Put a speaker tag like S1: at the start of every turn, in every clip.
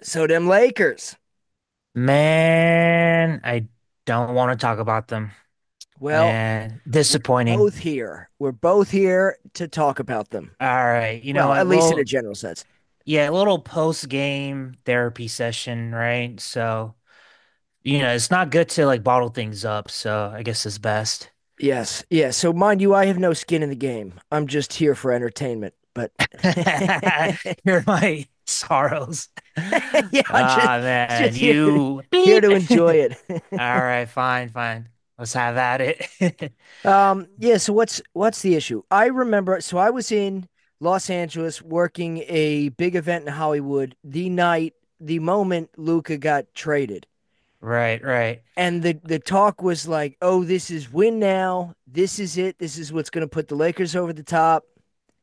S1: So them Lakers.
S2: Man, I don't want to talk about them.
S1: Well,
S2: Man,
S1: we're
S2: disappointing.
S1: both here. We're both here to talk about them.
S2: All right, you know
S1: Well, at
S2: what?
S1: least in a general sense.
S2: Little post-game therapy session, right? So, it's not good to like bottle things up, so I guess it's best.
S1: Yes, yes. So mind you, I have no skin in the game. I'm just here for entertainment, but
S2: Here are my sorrows. Ah,
S1: yeah, I'm just
S2: man,
S1: just here
S2: you
S1: here
S2: beep.
S1: to enjoy
S2: All
S1: it.
S2: right, fine. Let's have at it.
S1: Yeah. So what's the issue? I remember. So I was in Los Angeles working a big event in Hollywood the night, the moment Luca got traded,
S2: Right, right,
S1: and the talk was like, "Oh, this is win now. This is it. This is what's going to put the Lakers over the top."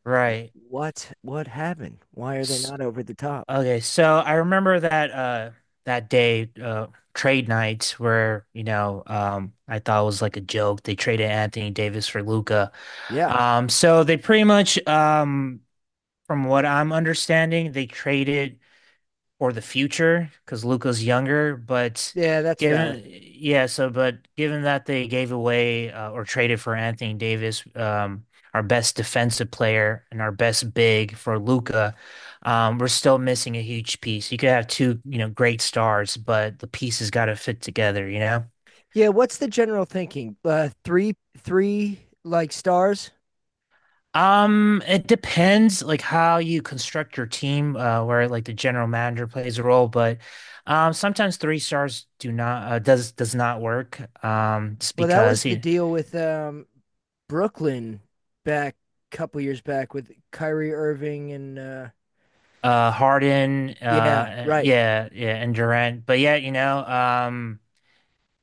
S2: right.
S1: What happened? Why are they not over the top?
S2: Okay, so I remember that that day trade night where, I thought it was like a joke. They traded Anthony Davis for Luca.
S1: Yeah,
S2: So they pretty much from what I'm understanding, they traded or the future because Luca's younger, but
S1: yeah, that's valid.
S2: given yeah, so but given that they gave away or traded for Anthony Davis, our best defensive player and our best big for Luca, we're still missing a huge piece. You could have two, you know, great stars, but the pieces got to fit together, you know?
S1: Yeah, what's the general thinking? Three like stars.
S2: It depends like how you construct your team, where like the general manager plays a role, but sometimes three stars do not does not work. Just
S1: Well, that
S2: because
S1: was the
S2: you know,
S1: deal with Brooklyn back a couple years back with Kyrie Irving and
S2: Harden,
S1: yeah, right,
S2: yeah, yeah, and Durant, but yeah,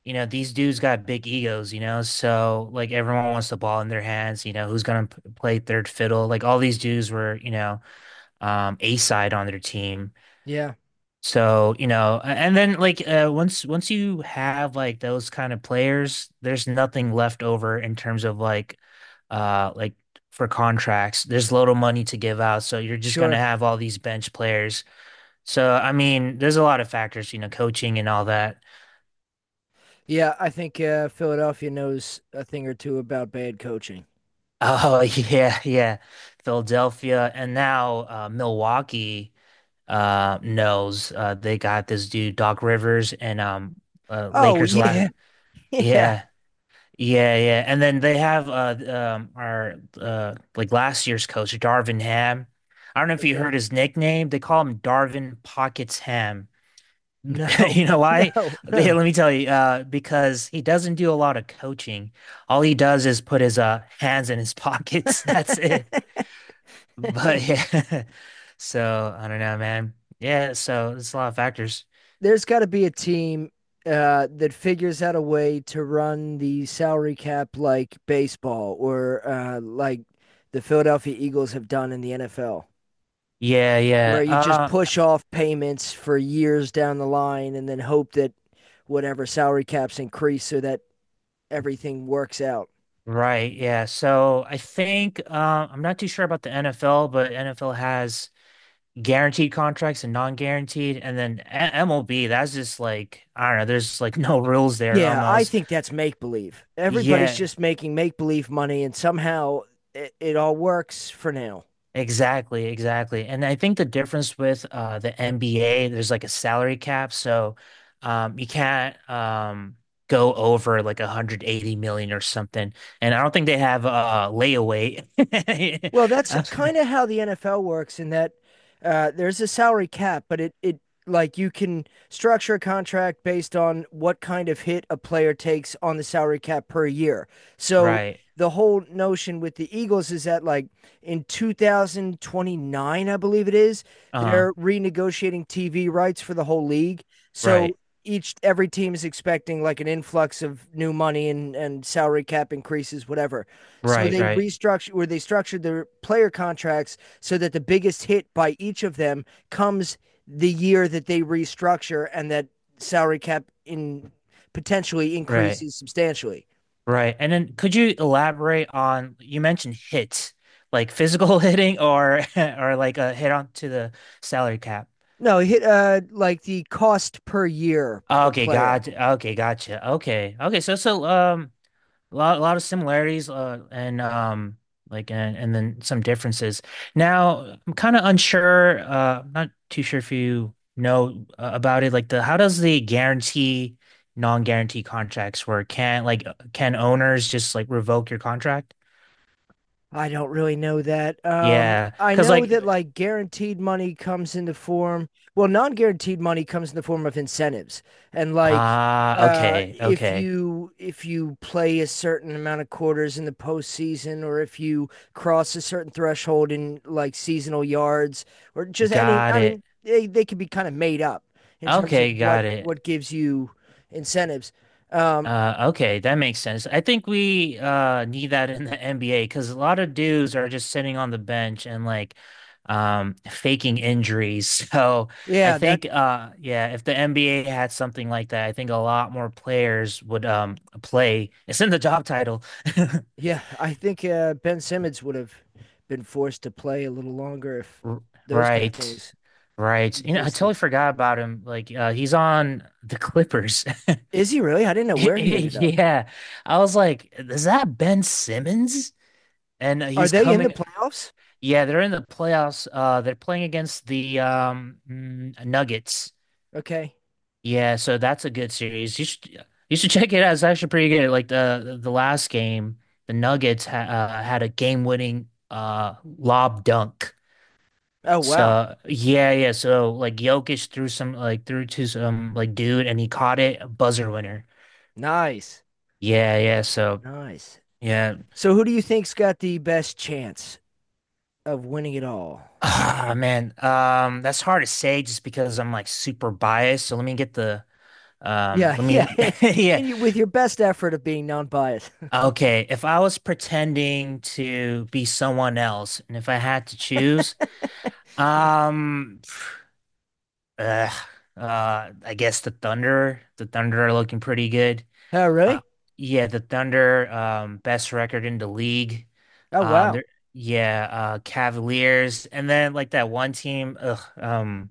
S2: you know these dudes got big egos, you know, so like everyone wants the ball in their hands. You know, who's gonna play third fiddle? Like all these dudes were, A side on their team.
S1: yeah,
S2: So, you know, and then like once you have like those kind of players, there's nothing left over in terms of like uh like for contracts. There's little money to give out, so you're just gonna
S1: sure,
S2: have all these bench players. So, I mean, there's a lot of factors, you know, coaching and all that.
S1: yeah. I think Philadelphia knows a thing or two about bad coaching.
S2: Oh, yeah, yeah. Philadelphia and now Milwaukee knows they got this dude Doc Rivers and
S1: Oh,
S2: Lakers last
S1: yeah. Yeah.
S2: yeah. Yeah, yeah. And then they have our like last year's coach, Darvin Ham. I don't know if you heard
S1: Okay.
S2: his nickname. They call him Darvin Pockets Ham.
S1: No,
S2: You know why?
S1: no,
S2: Yeah,
S1: no.
S2: let me tell you, because he doesn't do a lot of coaching. All he does is put his hands in his pockets. That's it. But yeah. So I don't know, man. Yeah, so it's a lot of factors.
S1: There's got to be a team that figures out a way to run the salary cap like baseball or like the Philadelphia Eagles have done in the NFL,
S2: Yeah,
S1: where
S2: yeah.
S1: you just
S2: Uh,
S1: push off payments for years down the line and then hope that whatever salary caps increase so that everything works out.
S2: right, yeah. So I think I'm not too sure about the NFL, but NFL has guaranteed contracts and non-guaranteed, and then MLB, that's just like I don't know, there's like no rules there
S1: Yeah, I
S2: almost.
S1: think that's make believe. Everybody's
S2: Yeah,
S1: just making make believe money, and somehow it all works for now.
S2: exactly. And I think the difference with the NBA, there's like a salary cap, so you can't go over like 180 million or something. And I don't think they have layaway.
S1: Well, that's kind of how the NFL works in that there's a salary cap, but it like you can structure a contract based on what kind of hit a player takes on the salary cap per year. So
S2: Right.
S1: the whole notion with the Eagles is that like in 2029, I believe it is,
S2: Uh-huh.
S1: they're renegotiating TV rights for the whole league.
S2: Right,
S1: So each every team is expecting like an influx of new money and salary cap increases, whatever. So
S2: right,
S1: they
S2: right,
S1: restructured or they structured their player contracts so that the biggest hit by each of them comes the year that they restructure and that salary cap in potentially
S2: right,
S1: increases substantially.
S2: right. And then could you elaborate on you mentioned hits, like physical hitting or or like a hit on to the salary cap.
S1: No, hit like the cost per year per
S2: Okay,
S1: player.
S2: gotcha. Okay, gotcha. Okay. Okay, so so a lot of similarities, and and then some differences. Now, I'm kind of unsure. I'm not too sure if you know about it. Like the, how does the guarantee, non-guarantee contracts work? Can like, can owners just like revoke your contract?
S1: I don't really know that.
S2: Yeah,
S1: I
S2: because
S1: know
S2: like,
S1: that like guaranteed money comes in the form, well, non guaranteed money comes in the form of incentives. And like,
S2: ah, okay, okay,
S1: if you play a certain amount of quarters in the postseason, or if you cross a certain threshold in like seasonal yards, or just any,
S2: got
S1: I mean,
S2: it.
S1: they can be kind of made up in terms of
S2: Okay,
S1: what
S2: got it.
S1: what gives you incentives. Um,
S2: Okay, that makes sense. I think we need that in the NBA because a lot of dudes are just sitting on the bench and like faking injuries. So I
S1: yeah, that
S2: think yeah, if the NBA had something like that, I think a lot more players would play. It's in the job title.
S1: yeah, I think Ben Simmons would have been forced to play a little longer if
S2: R-
S1: those kind of
S2: Right.
S1: things
S2: Right. You know, I totally
S1: existed.
S2: forgot about him. Like he's on the Clippers.
S1: Is he really? I didn't know where he ended up.
S2: Yeah. I was like, is that Ben Simmons? And
S1: Are
S2: he's
S1: they in the
S2: coming
S1: playoffs?
S2: yeah, they're in the playoffs. They're playing against the Nuggets.
S1: Okay.
S2: Yeah, so that's a good series. You should check it out. It's actually pretty good. Like the last game, the Nuggets ha had a game-winning lob dunk.
S1: Oh, wow.
S2: So yeah, yeah. So like Jokic threw to some like dude and he caught it, a buzzer winner.
S1: Nice.
S2: Yeah, yeah. So
S1: Nice.
S2: yeah.
S1: So, who do you think's got the best chance of winning it all?
S2: Ah, man. That's hard to say just because I'm like super biased. So let me get the Um,
S1: Yeah,
S2: let
S1: yeah.
S2: me, yeah.
S1: And you with your best effort of being non-biased.
S2: Okay. If I was pretending to be someone else and if I had to choose, um, ugh, I guess the Thunder are looking pretty good.
S1: Oh,
S2: Uh,
S1: really?
S2: yeah, the Thunder, best record in the league.
S1: Oh,
S2: Um,
S1: wow.
S2: there, yeah, Cavaliers, and then like that one team,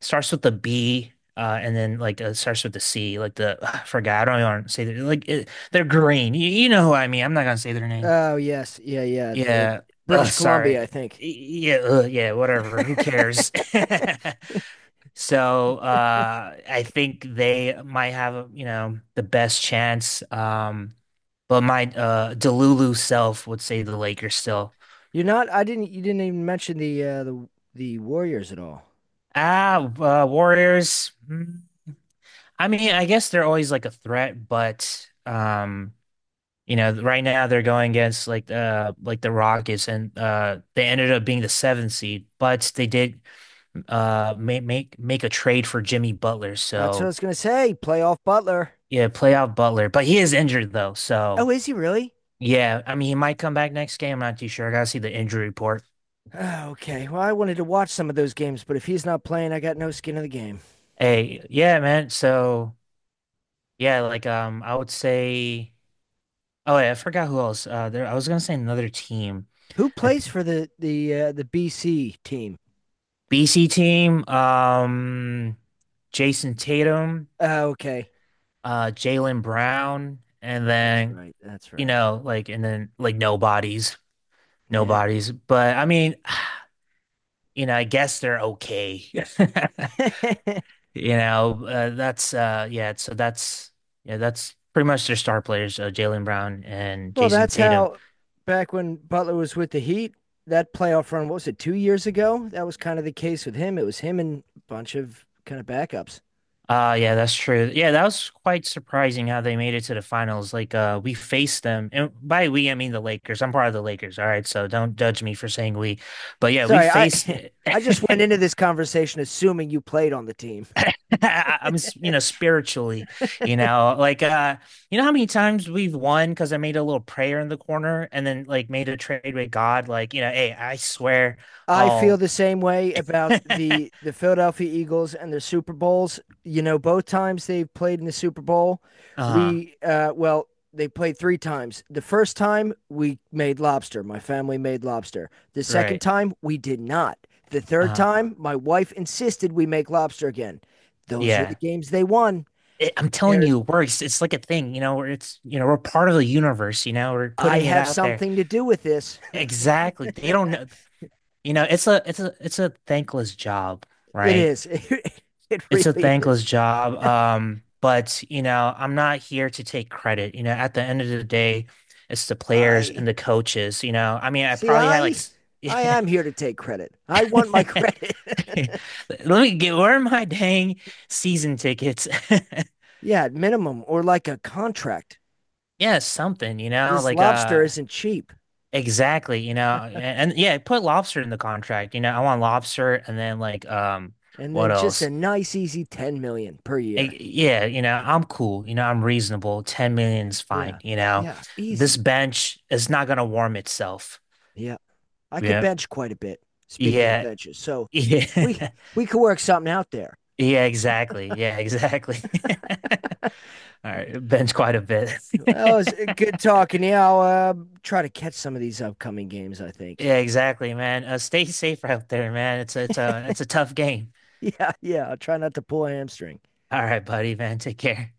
S2: starts with the B, and then like starts with the C, like the ugh, I forgot. I don't want to say that. Like it, they're green. You know who I mean. I'm not gonna say their name.
S1: Oh, yes. Yeah, yeah.
S2: Yeah.
S1: British
S2: Ugh,
S1: Columbia,
S2: sorry.
S1: I think.
S2: Yeah. Ugh, yeah. Whatever. Who cares? So I think they might have, you know, the best chance. But my Delulu self would say the Lakers still.
S1: You're not. I didn't. You didn't even mention the the Warriors at all.
S2: Ah, Warriors. I mean, I guess they're always like a threat, but you know, right now they're going against like the Rockets, and they ended up being the seventh seed, but they did make a trade for Jimmy Butler,
S1: That's what I
S2: so
S1: was gonna say. Playoff Butler.
S2: yeah, play out Butler, but he is injured though, so.
S1: Oh, is he really?
S2: Yeah, I mean, he might come back next game. I'm not too sure. I gotta see the injury report.
S1: Ah, okay. Well, I wanted to watch some of those games, but if he's not playing, I got no skin in the game.
S2: Hey, yeah, man. So yeah, like I would say. Oh, yeah, I forgot who else. I was gonna say another team.
S1: Who
S2: I
S1: plays
S2: th
S1: for the BC team?
S2: BC team. Jason Tatum,
S1: Ah, okay.
S2: Jaylen Brown, and
S1: That's
S2: then
S1: right. That's
S2: you
S1: right.
S2: know, like, and then like nobodies,
S1: Yeah.
S2: nobodies. But I mean, you know, I guess they're okay. You know, that's yeah, so that's yeah, that's pretty much their star players, Jaylen Brown and
S1: Well,
S2: Jason
S1: that's
S2: Tatum.
S1: how back when Butler was with the Heat, that playoff run, what was it, 2 years ago? That was kind of the case with him. It was him and a bunch of kind of backups.
S2: Yeah, that's true. Yeah, that was quite surprising how they made it to the finals. Like we faced them and by we I mean the Lakers. I'm part of the Lakers, all right, so don't judge me for saying we. But yeah, we
S1: Sorry, I
S2: faced it.
S1: I just went into this conversation assuming you played on the team.
S2: I'm, you know, spiritually, you know, like, you know how many times we've won because I made a little prayer in the corner and then like made a trade with God, like, you know, hey, I swear
S1: I feel
S2: I'll,
S1: the same way about
S2: uh-huh,
S1: the Philadelphia Eagles and their Super Bowls. You know, both times they played in the Super Bowl, we well, they played 3 times. The first time we made lobster. My family made lobster. The second
S2: right,
S1: time we did not. The third
S2: uh-huh,
S1: time my wife insisted we make lobster again. Those are the
S2: yeah.
S1: games they won.
S2: It, I'm telling
S1: There's
S2: you, it works. It's like a thing, you know, where it's, you know, we're part of the universe, you know, we're
S1: I
S2: putting it
S1: have
S2: out there.
S1: something to do with this.
S2: Exactly. They don't know, you know, it's a thankless job,
S1: It
S2: right?
S1: is. It
S2: It's a
S1: really
S2: thankless
S1: is.
S2: job. But you know, I'm not here to take credit. You know, at the end of the day, it's the players
S1: I
S2: and the coaches. You know, I mean, I
S1: see.
S2: probably had like,
S1: I am here to take credit. I want my credit.
S2: let me get, where are my dang season tickets?
S1: Yeah, at minimum or like a contract.
S2: Yeah, something, you know,
S1: This
S2: like,
S1: lobster isn't cheap.
S2: exactly, you know, and yeah, put lobster in the contract. You know, I want lobster and then like,
S1: And
S2: what
S1: then just a
S2: else?
S1: nice, easy 10 million per year.
S2: Yeah, you know, I'm cool. You know, I'm reasonable. 10 million is fine.
S1: Yeah,
S2: You know,
S1: yeah,
S2: this
S1: easy.
S2: bench is not going to warm itself.
S1: Yeah, I could
S2: Yeah.
S1: bench quite a bit. Speaking of
S2: Yeah.
S1: benches, so we
S2: Yeah.
S1: we could work something out there.
S2: Yeah, exactly. Yeah, exactly. All right. Bench quite a bit.
S1: Well, it's good talking. Yeah, I'll try to catch some of these upcoming games, I think.
S2: Yeah, exactly, man. Stay safe out there, man. It's a tough game.
S1: Yeah, yeah. I'll try not to pull a hamstring.
S2: All right, buddy, man. Take care.